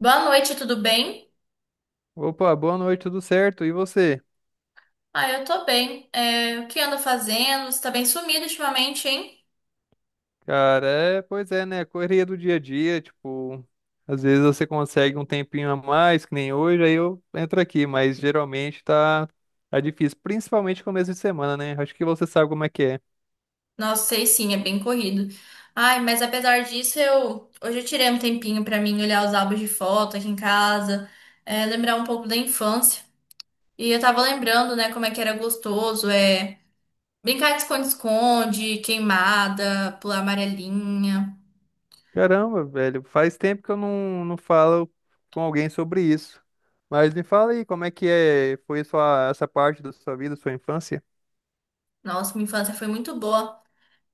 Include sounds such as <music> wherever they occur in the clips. Boa noite, tudo bem? Opa, boa noite, tudo certo? E você? Ah, eu tô bem. É, o que anda fazendo? Você tá bem sumido ultimamente, hein? Cara, é, pois é, né? Correria do dia a dia, tipo, às vezes você consegue um tempinho a mais, que nem hoje, aí eu entro aqui, mas geralmente tá difícil, principalmente começo de semana, né? Acho que você sabe como é que é. Nossa, sei sim, é bem corrido. Ai, mas apesar disso, eu hoje eu tirei um tempinho pra mim olhar os álbuns de foto aqui em casa, é, lembrar um pouco da infância. E eu tava lembrando, né, como é que era gostoso, é brincar de esconde-esconde, queimada, pular amarelinha. Caramba, velho, faz tempo que eu não falo com alguém sobre isso. Mas me fala aí, como é que é, foi sua, essa parte da sua vida, sua infância? Nossa, minha infância foi muito boa.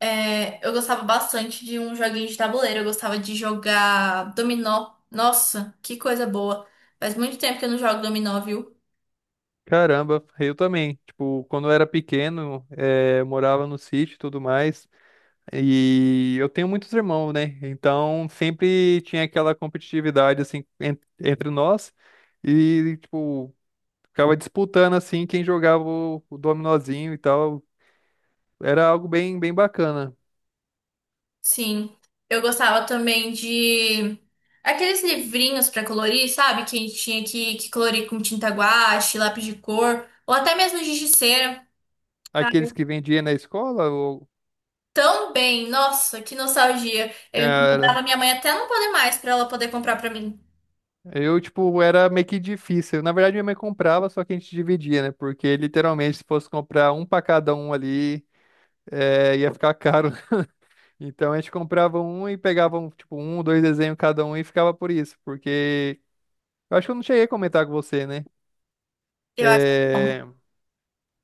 É, eu gostava bastante de um joguinho de tabuleiro. Eu gostava de jogar dominó. Nossa, que coisa boa. Faz muito tempo que eu não jogo dominó, viu? Caramba, eu também. Tipo, quando eu era pequeno, eu morava no sítio e tudo mais. E eu tenho muitos irmãos, né? Então sempre tinha aquela competitividade assim entre nós e tipo ficava disputando assim quem jogava o dominozinho e tal. Era algo bem bem bacana. Sim. Eu gostava também de aqueles livrinhos pra colorir, sabe? Que tinha que colorir com tinta guache, lápis de cor, ou até mesmo giz de cera. Aqueles que vendiam na escola, o Também, nossa, que nostalgia. Eu incomodava cara, minha mãe até não poder mais pra ela poder comprar pra mim. eu tipo era meio que difícil. Na verdade minha mãe comprava, só que a gente dividia, né? Porque literalmente se fosse comprar um pra cada um ali, ia ficar caro. Então a gente comprava um e pegava um, tipo, um, dois desenhos cada um e ficava por isso, porque eu acho que eu não cheguei a comentar com você, né? Eu acho que não. É,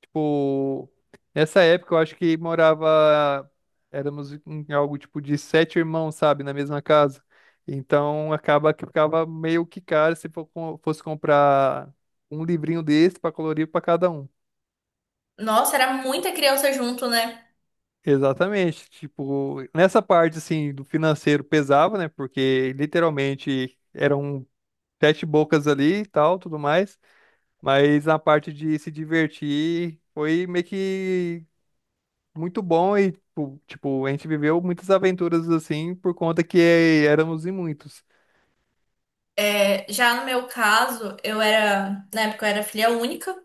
tipo, nessa época eu acho que morava, éramos em algo tipo de sete irmãos, sabe, na mesma casa. Então acaba que ficava meio que caro se fosse comprar um livrinho desse para colorir para cada um. Nossa, era muita criança junto, né? Exatamente, tipo, nessa parte assim do financeiro pesava, né? Porque literalmente eram sete bocas ali e tal, tudo mais. Mas a parte de se divertir foi meio que muito bom e, tipo, a gente viveu muitas aventuras assim por conta que éramos em muitos. É, já no meu caso, na época eu era filha única.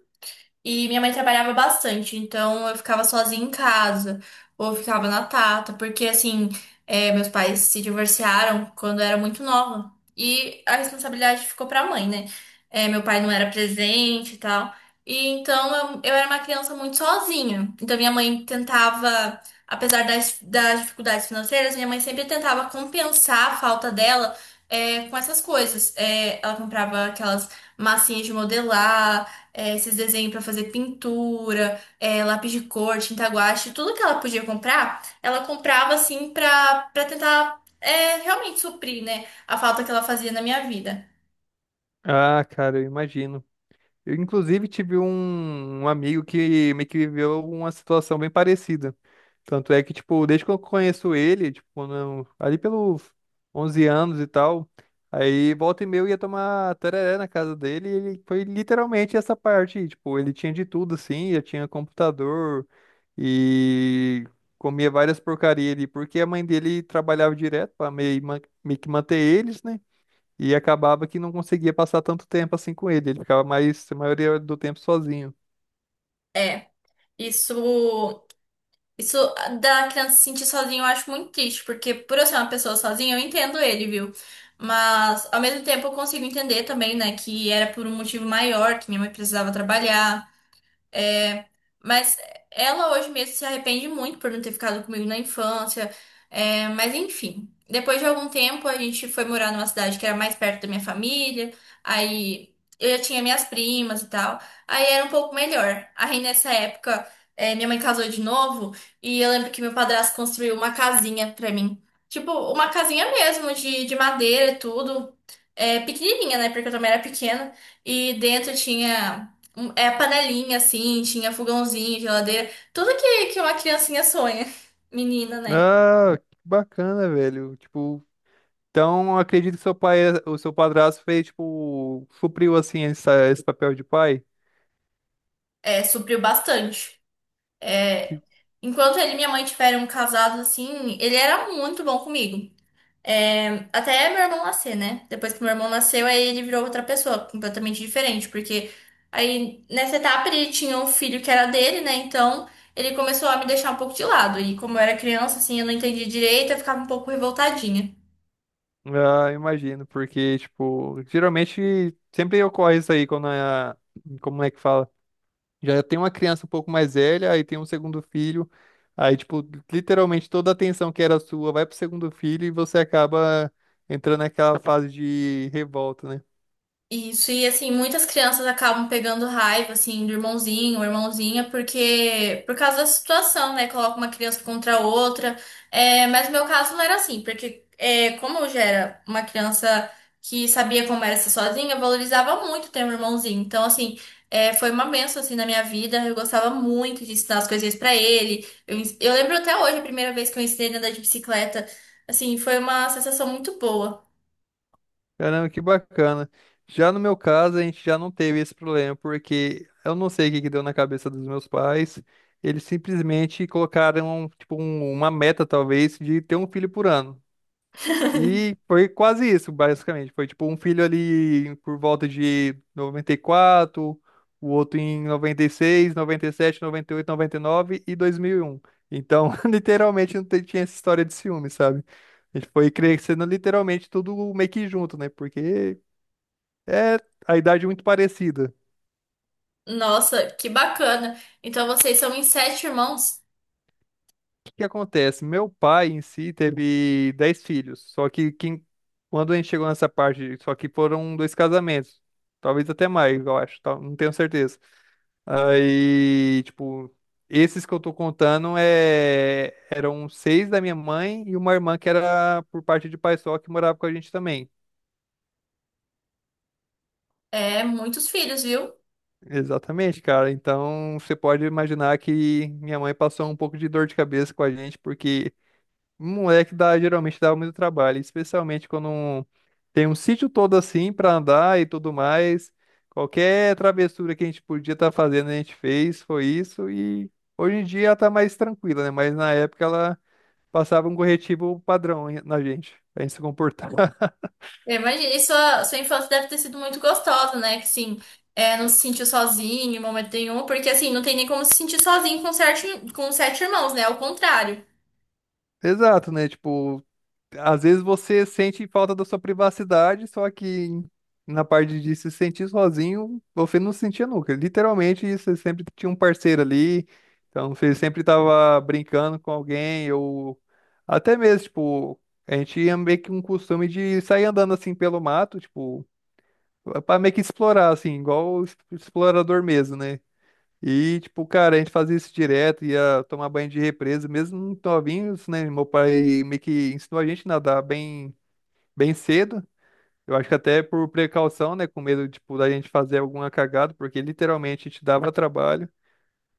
E minha mãe trabalhava bastante, então eu ficava sozinha em casa, ou ficava na tata, porque assim, é, meus pais se divorciaram quando eu era muito nova. E a responsabilidade ficou pra mãe, né? É, meu pai não era presente e tal. E então eu era uma criança muito sozinha. Então minha mãe tentava, apesar das dificuldades financeiras, minha mãe sempre tentava compensar a falta dela, é, com essas coisas. É, ela comprava aquelas massinhas de modelar, é, esses desenhos pra fazer pintura, é, lápis de cor, tinta guache, tudo que ela podia comprar, ela comprava assim pra para tentar, é, realmente suprir, né, a falta que ela fazia na minha vida. Ah, cara, eu imagino. Eu, inclusive, tive um amigo que meio que viveu uma situação bem parecida. Tanto é que, tipo, desde que eu conheço ele, tipo, ali pelos 11 anos e tal, aí volta e meia eu ia tomar tereré na casa dele e ele foi literalmente essa parte, tipo, ele tinha de tudo, assim, já tinha computador e comia várias porcarias ali, porque a mãe dele trabalhava direto para meio que manter eles, né? E acabava que não conseguia passar tanto tempo assim com ele. Ele ficava mais, a maioria do tempo sozinho. É, isso isso da criança se sentir sozinha eu acho muito triste, porque por eu ser uma pessoa sozinha, eu entendo ele, viu? Mas ao mesmo tempo eu consigo entender também, né, que era por um motivo maior, que minha mãe precisava trabalhar. É, mas ela hoje mesmo se arrepende muito por não ter ficado comigo na infância. É, mas enfim, depois de algum tempo a gente foi morar numa cidade que era mais perto da minha família. Aí eu já tinha minhas primas e tal. Aí era um pouco melhor. Aí nessa época, é, minha mãe casou de novo e eu lembro que meu padrasto construiu uma casinha pra mim. Tipo, uma casinha mesmo de madeira e tudo. É, pequenininha, né? Porque eu também era pequena. E dentro tinha é, a panelinha, assim, tinha fogãozinho, geladeira, tudo que uma criancinha sonha. <laughs> Menina, né? Ah, que bacana, velho. Tipo, então eu acredito que seu pai, o seu padrasto fez, tipo, supriu assim esse papel de pai. É, supriu bastante. É, Que, enquanto ele e minha mãe tiveram casados, assim, ele era muito bom comigo. É, até meu irmão nascer, né? Depois que meu irmão nasceu, aí ele virou outra pessoa, completamente diferente, porque aí nessa etapa ele tinha um filho que era dele, né? Então ele começou a me deixar um pouco de lado. E como eu era criança, assim, eu não entendia direito, eu ficava um pouco revoltadinha. ah, imagino, porque, tipo, geralmente sempre ocorre isso aí quando a, como é que fala? Já tem uma criança um pouco mais velha, aí tem um segundo filho. Aí, tipo, literalmente toda a atenção que era sua vai pro segundo filho e você acaba entrando naquela fase de revolta, né? Isso, e assim, muitas crianças acabam pegando raiva, assim, do irmãozinho ou irmãzinha, porque, por causa da situação, né, coloca uma criança contra a outra. É, mas no meu caso não era assim, porque é, como eu já era uma criança que sabia como era ser sozinha, eu valorizava muito ter um irmãozinho, então, assim, é, foi uma bênção, assim, na minha vida. Eu gostava muito de ensinar as coisinhas pra ele. Eu lembro até hoje a primeira vez que eu ensinei a andar de bicicleta, assim, foi uma sensação muito boa. Caramba, que bacana. Já no meu caso, a gente já não teve esse problema, porque eu não sei o que que deu na cabeça dos meus pais. Eles simplesmente colocaram, tipo, uma meta, talvez, de ter um filho por ano. <laughs> E foi quase isso, basicamente. Foi tipo um filho ali por volta de noventa e quatro, o outro em noventa e seis, noventa e sete, noventa, noventa e oito, nove, e 2001. Então, <laughs> literalmente não te- tinha essa história de ciúme, sabe? A gente foi crescendo literalmente tudo meio que junto, né? Porque é a idade muito parecida. Nossa, que bacana. Então vocês são em sete irmãos? Que acontece? Meu pai em si teve 10 filhos, só que quem, quando a gente chegou nessa parte, só que foram dois casamentos, talvez até mais, eu acho, tá? Não tenho certeza. Aí, tipo, esses que eu tô contando é, eram seis da minha mãe e uma irmã que era por parte de pai só que morava com a gente também. É, muitos filhos, viu? Exatamente, cara. Então você pode imaginar que minha mãe passou um pouco de dor de cabeça com a gente, porque moleque dá, geralmente dá muito trabalho, especialmente tem um sítio todo assim pra andar e tudo mais. Qualquer travessura que a gente podia estar fazendo, a gente fez, foi isso. E hoje em dia ela tá mais tranquila, né? Mas na época ela passava um corretivo padrão na gente, pra gente se comportar. <laughs> Eu imagino. E sua infância deve ter sido muito gostosa, né? Que sim, é, não se sentiu sozinho em momento nenhum, porque assim, não tem nem como se sentir sozinho com sete irmãos, né? Ao contrário. Exato, né? Tipo, às vezes você sente falta da sua privacidade, só que na parte de se sentir sozinho, você não se sentia nunca. Literalmente, você sempre tinha um parceiro ali, então você sempre estava brincando com alguém, ou até mesmo, tipo, a gente tinha meio que um costume de sair andando assim pelo mato, tipo, para meio que explorar, assim, igual explorador mesmo, né? E, tipo, cara, a gente fazia isso direto, ia tomar banho de represa, mesmo novinhos, né? Meu pai meio que ensinou a gente a nadar bem bem cedo. Eu acho que até por precaução, né? Com medo, tipo, da gente fazer alguma cagada, porque literalmente a gente dava trabalho.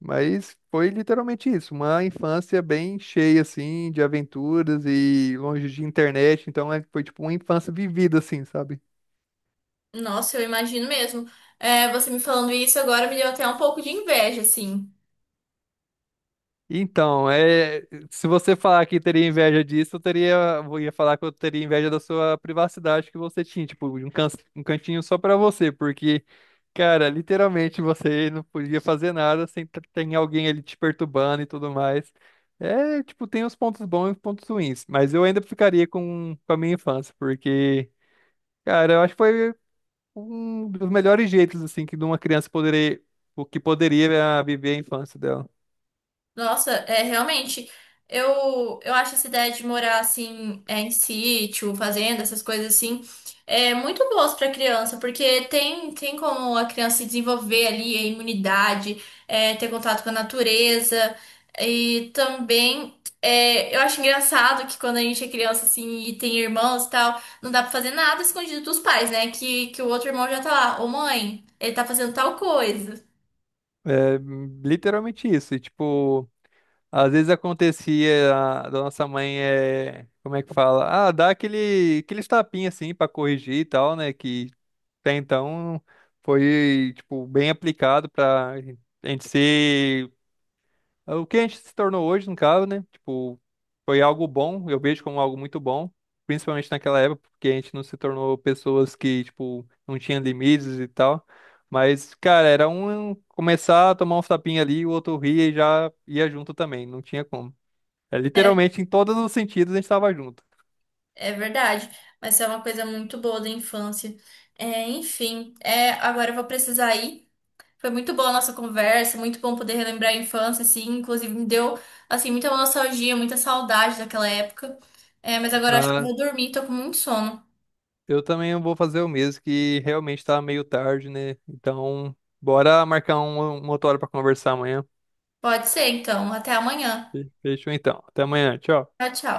Mas foi literalmente isso, uma infância bem cheia, assim, de aventuras e longe de internet. Então foi, tipo, uma infância vivida, assim, sabe? Nossa, eu imagino mesmo. É, você me falando isso agora me deu até um pouco de inveja, assim. Então, é, se você falar que teria inveja disso, eu teria, eu ia falar que eu teria inveja da sua privacidade que você tinha, tipo, de um cantinho só pra você, porque, cara, literalmente você não podia fazer nada sem t- ter alguém ali te perturbando e tudo mais. É, tipo, tem os pontos bons e os pontos ruins, mas eu ainda ficaria com a minha infância, porque, cara, eu acho que foi um dos melhores jeitos, assim, que de uma criança poderia, o que poderia eh, viver a infância dela. Nossa, é realmente. Eu acho essa ideia de morar assim, é, em sítio, fazenda, essas coisas assim, é muito boas para criança, porque tem como a criança se desenvolver ali a imunidade, é, ter contato com a natureza. E também, é, eu acho engraçado que quando a gente é criança assim e tem irmãos e tal, não dá para fazer nada escondido dos pais, né? Que o outro irmão já tá lá: ô mãe, ele tá fazendo tal coisa. É literalmente isso. E, tipo, às vezes acontecia da nossa mãe é, como é que fala? Ah, dá aqueles tapinha assim pra corrigir e tal, né? Que até então foi tipo bem aplicado pra gente ser o que a gente se tornou hoje, no caso, né? Tipo, foi algo bom, eu vejo como algo muito bom, principalmente naquela época, porque a gente não se tornou pessoas que, tipo, não tinha limites e tal. Mas, cara, era um começar a tomar um tapinha ali, o outro ria e já ia junto também, não tinha como. É, literalmente, em todos os sentidos, a gente tava junto. É verdade, mas é uma coisa muito boa da infância. É, enfim, é, agora eu vou precisar ir. Foi muito boa a nossa conversa, muito bom poder relembrar a infância, assim, inclusive me deu, assim, muita nostalgia, muita saudade daquela época. É, mas agora acho que eu Na... vou dormir, tô com muito sono. Eu também vou fazer o mesmo, que realmente tá meio tarde, né? Então, bora marcar uma outra hora pra conversar amanhã. Pode ser, então. Até amanhã. Fechou então. Até amanhã, tchau. Tchau, tchau.